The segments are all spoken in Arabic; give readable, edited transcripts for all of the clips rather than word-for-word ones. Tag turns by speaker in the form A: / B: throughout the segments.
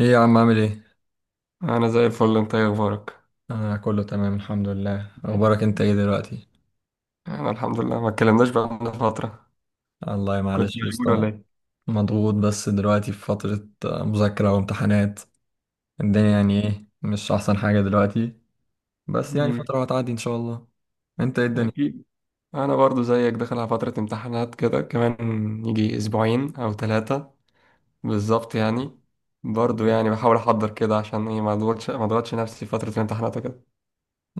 A: ايه يا عم عامل ايه؟
B: انا زي الفل. انت ايه اخبارك؟
A: انا كله تمام الحمد لله. اخبارك انت ايه دلوقتي؟
B: انا الحمد لله، ما اتكلمناش بقالنا فتره.
A: الله
B: كنت
A: معلش يا
B: مشغول
A: اسطى،
B: ولا ايه؟
A: مضغوط بس دلوقتي في فترة مذاكرة وامتحانات. الدنيا يعني ايه، مش احسن حاجة دلوقتي، بس يعني
B: أمم،
A: فترة وهتعدي ان شاء الله. انت ايه الدنيا؟
B: اكيد. انا برضو زيك، داخل على فتره امتحانات كده كمان، يجي اسبوعين او ثلاثه. بالظبط يعني. برضو يعني بحاول احضر كده عشان ايه ما اضغطش نفسي في فتره الامتحانات وكده.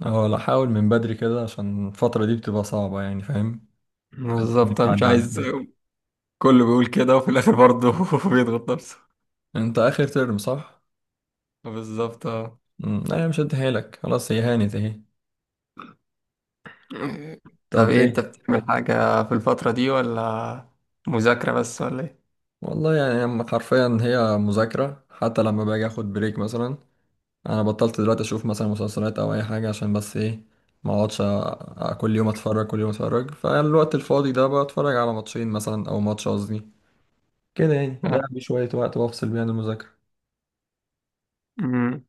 A: اه لا، حاول من بدري كده عشان الفترة دي بتبقى صعبة، يعني فاهم؟
B: بالظبط
A: إنك
B: انا مش
A: تعدي على
B: عايز.
A: خير.
B: كله بيقول كده وفي الاخر برضو بيضغط نفسه.
A: انت اخر ترم صح؟
B: بالظبط آه.
A: لا هي مش هديهالك، خلاص هي هانت اهي.
B: طب
A: طب
B: ايه انت
A: ايه؟
B: بتعمل حاجه في الفتره دي ولا؟ مذاكره بس ولا
A: والله يعني أما حرفيا هي مذاكرة، حتى لما باجي اخد بريك مثلا انا بطلت دلوقتي اشوف مثلا مسلسلات او اي حاجه، عشان بس ايه ما اقعدش كل يوم اتفرج كل يوم اتفرج. فالوقت الفاضي ده بتفرج على ماتشين مثلا او ماتش قصدي، كده يعني اضيع بيه شويه وقت وافصل بيه عن المذاكره.
B: ايه؟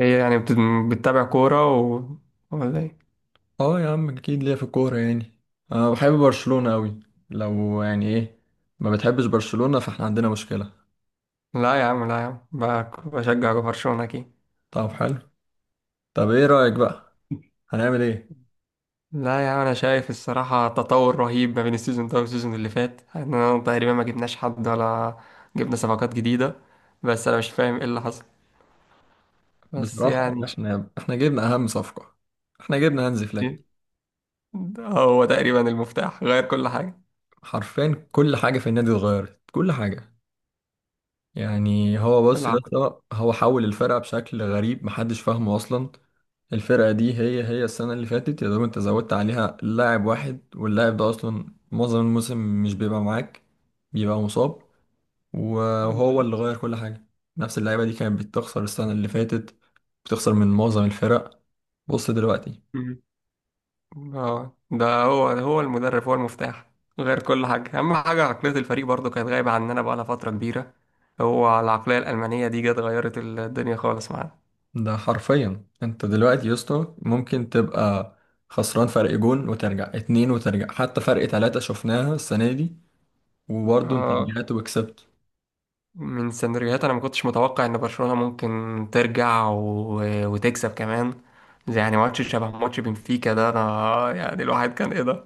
B: ايه يعني بتتابع كورة ولا ايه؟
A: اه يا عم اكيد، ليا في الكوره يعني. انا بحب برشلونه قوي، لو يعني ايه ما بتحبش برشلونه فاحنا عندنا مشكله.
B: لا يا عم، لا يا عم، بشجع برشلونة اكيد.
A: طب حلو، طب ايه رايك بقى، هنعمل ايه؟
B: لا يا عم، انا شايف الصراحة تطور رهيب ما بين السيزون ده والسيزون اللي فات، احنا تقريبا ما جبناش حد ولا جبنا صفقات جديدة، بس انا مش فاهم ايه اللي حصل. بس
A: بصراحه
B: يعني إن شاء
A: احنا جبنا اهم صفقه، احنا جبنا هانزي فليك.
B: الله. ده هو تقريبا المفتاح، غير كل حاجة.
A: حرفيا كل حاجه في النادي اتغيرت، كل حاجه. يعني هو بص يا
B: العقد.
A: اسطى، هو حول الفرقة بشكل غريب محدش فاهمه أصلا. الفرقة دي هي السنة اللي فاتت، يا دوب أنت زودت عليها لاعب واحد، واللاعب ده أصلا معظم الموسم مش بيبقى معاك، بيبقى مصاب، وهو اللي غير كل حاجة. نفس اللعيبة دي كانت بتخسر السنة اللي فاتت، بتخسر من معظم الفرق. بص دلوقتي،
B: اه، ده هو المدرب، هو المفتاح، غير كل حاجة. أهم حاجة عقلية الفريق برضو كانت غايبة عننا بقالها فترة كبيرة. هو العقلية الألمانية دي جت غيرت الدنيا خالص معانا.
A: ده حرفيا أنت دلوقتي يا اسطى ممكن تبقى خسران فرق جون، وترجع اتنين، وترجع حتى فرق تلاتة شفناها السنة دي، وبرضه انت
B: اه،
A: رجعت وكسبت.
B: من سيناريوهات أنا ما كنتش متوقع إن برشلونة ممكن ترجع وتكسب كمان. زي يعني ماتش شبه ماتش بنفيكا ده، أنا يعني الواحد كان إيه ده،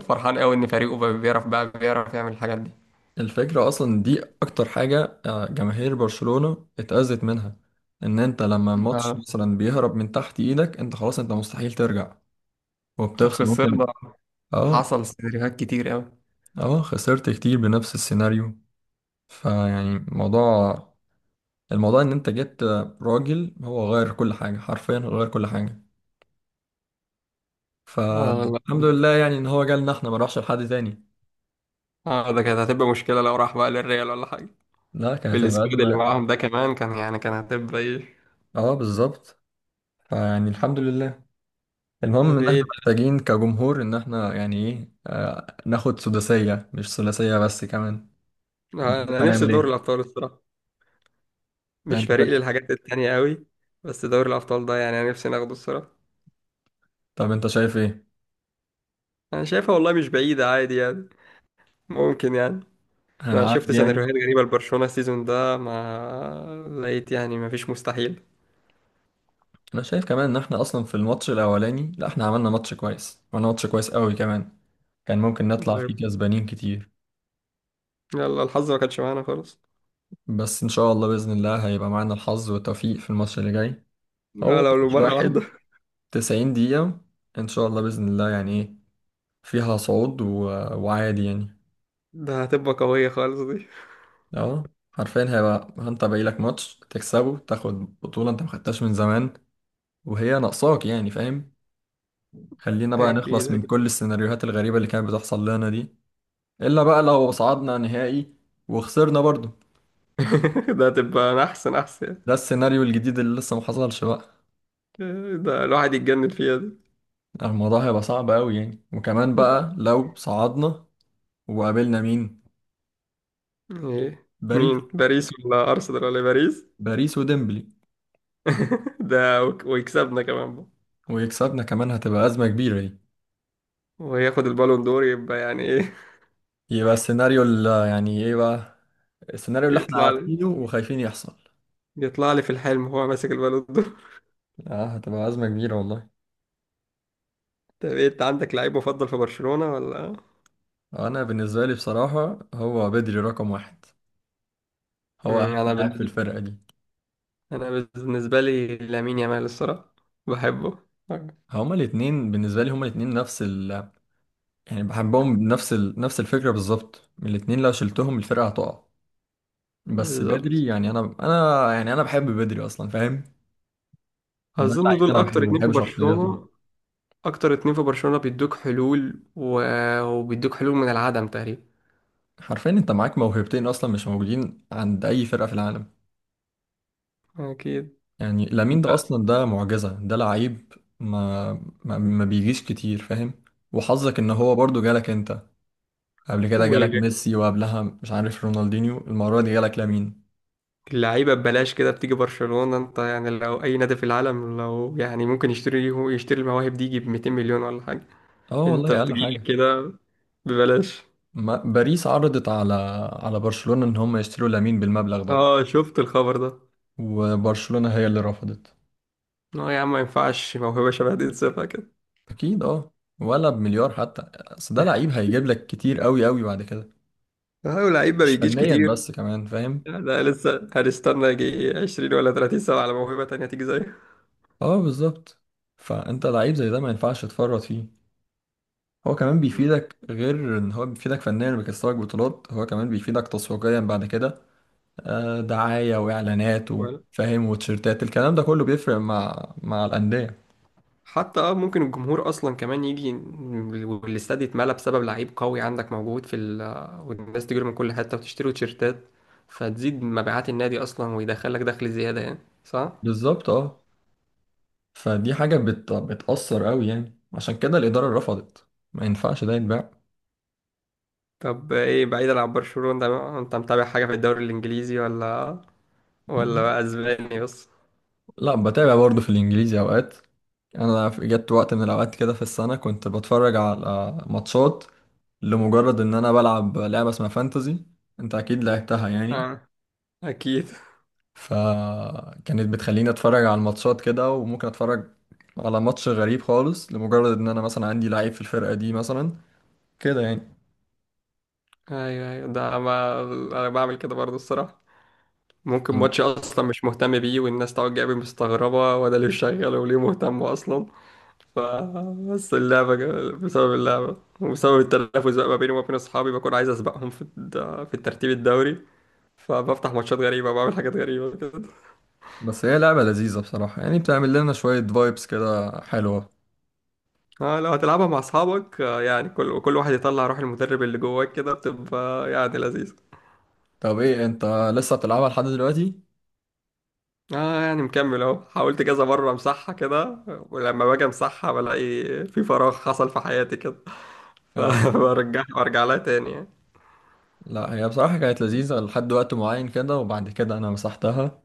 B: فرحان قوي إن فريقه بقى بيعرف يعمل الحاجات دي.
A: الفكرة اصلا دي اكتر حاجة جماهير برشلونة اتأذت منها، ان انت لما الماتش
B: اه،
A: مثلا بيهرب من تحت ايدك انت خلاص، انت مستحيل ترجع وبتخسر ممكن.
B: خسرنا.
A: اه.
B: حصل سيناريوهات كتير قوي.
A: اه، خسرت كتير بنفس السيناريو. فيعني الموضوع، الموضوع ان انت جبت راجل هو غير كل حاجة، حرفيا غير كل حاجة.
B: اه والله.
A: فالحمد لله يعني ان هو جالنا احنا، ما راحش لحد تاني.
B: اه، ده كانت هتبقى مشكلة لو راح بقى للريال ولا حاجة.
A: لا، كانت هتبقى
B: بالسكواد اللي
A: أزمة.
B: معاهم ده كمان كان يعني كان هتبقى ايه.
A: اه بالظبط، فيعني الحمد لله. المهم
B: طب
A: ان احنا
B: ايه.
A: محتاجين كجمهور ان احنا يعني ايه ناخد سداسية، مش ثلاثية بس كمان. انت شايف
B: انا نفسي
A: هنعمل
B: في دوري
A: ايه؟
B: الابطال الصراحة.
A: لا،
B: مش
A: انت شايف،
B: فارق لي الحاجات التانية قوي. بس دوري الابطال ده يعني انا نفسي ناخده الصراحة.
A: طب انت شايف ايه؟
B: انا شايفها والله مش بعيدة، عادي يعني، ممكن يعني. انا شفت
A: هنعدي يعني.
B: سيناريوهات غريبة لبرشلونة السيزون ده، ما لقيت يعني، ما فيش مستحيل.
A: انا شايف كمان ان احنا اصلا في الماتش الاولاني، لا احنا عملنا ماتش كويس، عملنا ماتش كويس قوي كمان، كان ممكن نطلع فيه
B: طيب.
A: كسبانين كتير.
B: يلا الحظ ما كانش معانا خالص.
A: بس ان شاء الله باذن الله هيبقى معانا الحظ والتوفيق في الماتش اللي جاي.
B: آه،
A: هو
B: لو لو
A: ماتش
B: مرة واحدة.
A: واحد، 90 دقيقة، ان شاء الله باذن الله يعني ايه، فيها صعود و... وعادي يعني.
B: ده هتبقى قوية خالص دي.
A: اه، حرفيا هيبقى انت باقي لك ماتش تكسبه، تاخد بطولة انت ما خدتهاش من زمان وهي ناقصاك، يعني فاهم. خلينا بقى
B: اكيد
A: نخلص من
B: اكيد.
A: كل السيناريوهات الغريبة اللي كانت بتحصل لنا دي. الا بقى لو صعدنا نهائي وخسرنا برضو،
B: ده هتبقى، أنا احسن احسن.
A: ده السيناريو الجديد اللي لسه ما حصلش بقى.
B: ده الواحد يتجنن فيها دي.
A: الموضوع هيبقى صعب قوي يعني. وكمان بقى لو صعدنا وقابلنا مين؟
B: ايه؟ مين؟
A: باريس.
B: باريس ولا ارسنال ولا باريس؟
A: باريس وديمبلي،
B: ده ويكسبنا كمان بقى.
A: ويكسبنا كمان، هتبقى أزمة كبيرة دي.
B: وياخد البالون دور، يبقى يعني ايه.
A: يبقى السيناريو اللي يعني ايه بقى، السيناريو اللي احنا
B: يطلع لي
A: عارفينه وخايفين يحصل.
B: يطلع لي في الحلم هو ماسك البالون دور.
A: اه هتبقى أزمة كبيرة والله.
B: طب إيه، انت عندك لعيب مفضل في برشلونة ولا؟
A: أنا بالنسبة لي بصراحة هو بدري رقم واحد، هو أهم
B: مم، انا
A: لاعب في
B: بالنسبة
A: الفرقة دي.
B: انا بالنسبة لي لامين يامال الصراحة، بحبه.
A: هما الاتنين بالنسبة لي، هما الاتنين نفس ال، يعني بحبهم بنفس ال... نفس الفكرة بالظبط. الاتنين لو شلتهم الفرقة هتقع. بس بدري
B: بالظبط.
A: يعني أنا يعني أنا بحب بدري أصلا فاهم، ده
B: اظن
A: لعيب
B: دول
A: أنا
B: اكتر
A: بحبه،
B: اتنين
A: بحب
B: في
A: شخصيته.
B: برشلونة اكتر اتنين في برشلونة بيدوك حلول وبيدوك حلول من العدم تقريبا.
A: حرفيا أنت معاك موهبتين أصلا مش موجودين عند أي فرقة في العالم.
B: اكيد.
A: يعني لامين ده اصلا ده معجزة، ده لعيب ما ما بيجيش كتير فاهم. وحظك ان هو برضو جالك انت، قبل كده جالك ميسي، وقبلها مش عارف رونالدينيو، المرة دي جالك لامين.
B: واللعيبه ببلاش كده بتيجي برشلونه، انت يعني لو اي نادي في العالم، لو يعني ممكن يشتري المواهب دي يجيب 200 مليون ولا حاجه.
A: اه
B: انت
A: والله اقل
B: بتجيلك
A: حاجة.
B: كده، ببلاش.
A: ما باريس عرضت على على برشلونة ان هم يشتروا لامين بالمبلغ ده،
B: اه شفت الخبر ده.
A: وبرشلونة هي اللي رفضت.
B: اه يا عم ما ينفعش موهبه شبه دي تسيبها كده.
A: اكيد اه، ولا بمليار حتى، اصل ده لعيب هيجيب لك كتير قوي قوي بعد كده،
B: اه، لعيب ما
A: مش
B: بيجيش
A: فنيا
B: كتير.
A: بس كمان فاهم.
B: لا، ده لسه هنستنى يجي 20 ولا 30 سنه على موهبه تانيه تيجي زيه.
A: اه بالظبط، فانت لعيب زي ده ما ينفعش تفرط فيه. هو كمان بيفيدك، غير ان هو بيفيدك فنيا بيكسبك بطولات، هو كمان بيفيدك تسويقيا بعد كده، دعاية واعلانات وفاهم وتيشيرتات، الكلام ده كله بيفرق مع الأندية.
B: حتى ممكن الجمهور اصلا كمان يجي والاستاد يتملى بسبب لعيب قوي عندك موجود في ال والناس تجري من كل حته وتشتري تيشيرتات. فتزيد مبيعات النادي اصلا ويدخلك دخل زياده يعني. صح.
A: بالظبط اه، فدي حاجة بت... بتأثر قوي يعني، عشان كده الإدارة رفضت، ما ينفعش ده يتباع.
B: طب ايه بعيدا عن برشلونه ده، انت متابع حاجه في الدوري الانجليزي ولا ولا بقى اسباني بس؟
A: لا بتابع برضه في الإنجليزي أوقات. انا في- جت وقت من الاوقات كده في السنه كنت بتفرج على ماتشات، لمجرد ان انا بلعب لعبه اسمها فانتزي، انت اكيد لعبتها يعني.
B: اه، اكيد.
A: فكانت بتخليني اتفرج على الماتشات كده، وممكن اتفرج على ماتش غريب خالص لمجرد ان انا مثلا عندي لعيب في الفرقة دي مثلا، كده يعني.
B: ايوه ايوه، ده ما انا بعمل كده برضه الصراحه. ممكن ماتش اصلا مش مهتم بيه والناس تقعد جايبه مستغربه وده ليه شغال وليه مهتم اصلا. بس اللعبة بسبب اللعبة وبسبب التنافس بقى ما بيني وما بين أصحابي، بكون عايز أسبقهم في في الترتيب الدوري، فبفتح ماتشات غريبة وبعمل حاجات غريبة كده.
A: بس هي لعبة لذيذة بصراحة، يعني بتعمل لنا شوية فايبس كده حلوة.
B: اه، لو هتلعبها مع أصحابك، يعني كل واحد يطلع روح المدرب اللي جواك كده، بتبقى يعني لذيذة.
A: طب ايه انت لسه بتلعبها لحد دلوقتي؟
B: اه يعني مكمل اهو، حاولت كذا مرة امسحها كده، ولما باجي امسحها بلاقي في فراغ حصل في حياتي كده.
A: اه
B: فبرجع لها تاني يعني.
A: لا، هي بصراحة كانت لذيذة لحد وقت معين كده، وبعد كده انا مسحتها.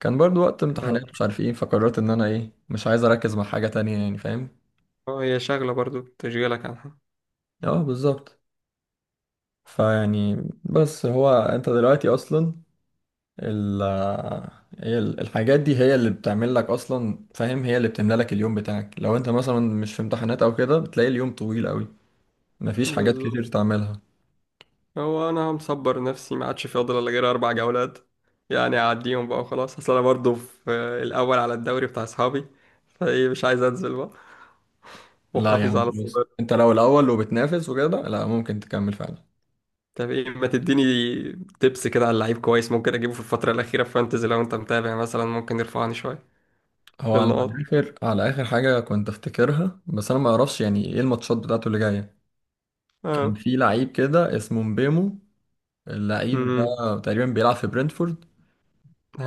A: كان برضو وقت
B: اه.
A: امتحانات مش عارف ايه، فقررت ان انا ايه مش عايز اركز مع حاجة تانية، يعني فاهم؟
B: هي شغلة برضو تشغيلك عنها.
A: اه بالظبط. فيعني بس هو انت دلوقتي اصلا ال، هي ال- الحاجات دي هي اللي بتعمل لك اصلا فاهم، هي اللي بتملى لك اليوم بتاعك. لو انت مثلا مش في امتحانات او كده بتلاقي اليوم طويل قوي، مفيش حاجات كتير
B: بالظبط.
A: تعملها.
B: هو انا مصبر نفسي ما عادش فاضل الا غير اربع جولات، يعني اعديهم بقى وخلاص، اصل انا برضه في الاول على الدوري بتاع اصحابي، فايه مش عايز انزل بقى،
A: لا يا
B: واحافظ
A: عم
B: على
A: خلاص،
B: الصدارة.
A: انت لو الاول وبتنافس وكده لا ممكن تكمل فعلا.
B: طب ايه ما تديني تبس كده على لعيب كويس ممكن اجيبه في الفترة الأخيرة في فانتزي، لو انت متابع مثلا ممكن يرفعني شوية
A: هو
B: في
A: على
B: النقاط.
A: اخر، على اخر حاجه كنت افتكرها، بس انا ما اعرفش يعني ايه الماتشات بتاعته اللي جايه، كان
B: اه.
A: في لعيب كده اسمه مبيمو، اللعيب ده
B: امم،
A: تقريبا بيلعب في برنتفورد.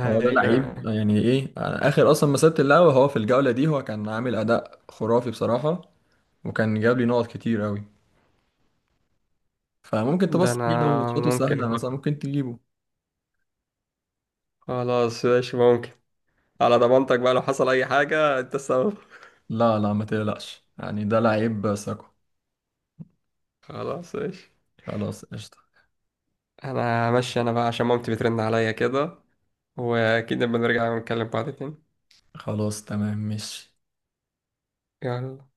A: هو ده لعيب يعني ايه، أنا اخر اصلا مسيرة اللعبة هو في الجولة دي، هو كان عامل اداء خرافي بصراحة وكان جاب لي نقط كتير قوي، فممكن
B: ده
A: تبص
B: انا
A: عليه لو ماتشاته
B: ممكن
A: سهلة مثلا
B: أفكر.
A: ممكن تجيبه.
B: خلاص ماشي، ممكن. على ضمانتك بقى، لو حصل اي حاجة انت السبب.
A: لا لا ما تقلقش يعني، ده لعيب ثقة.
B: خلاص ماشي.
A: خلاص قشطة،
B: انا ماشي، انا بقى عشان مامتي بترن عليا كده، واكيد لما نرجع نكلم بعض تاني.
A: خلاص تمام ماشي.
B: يلا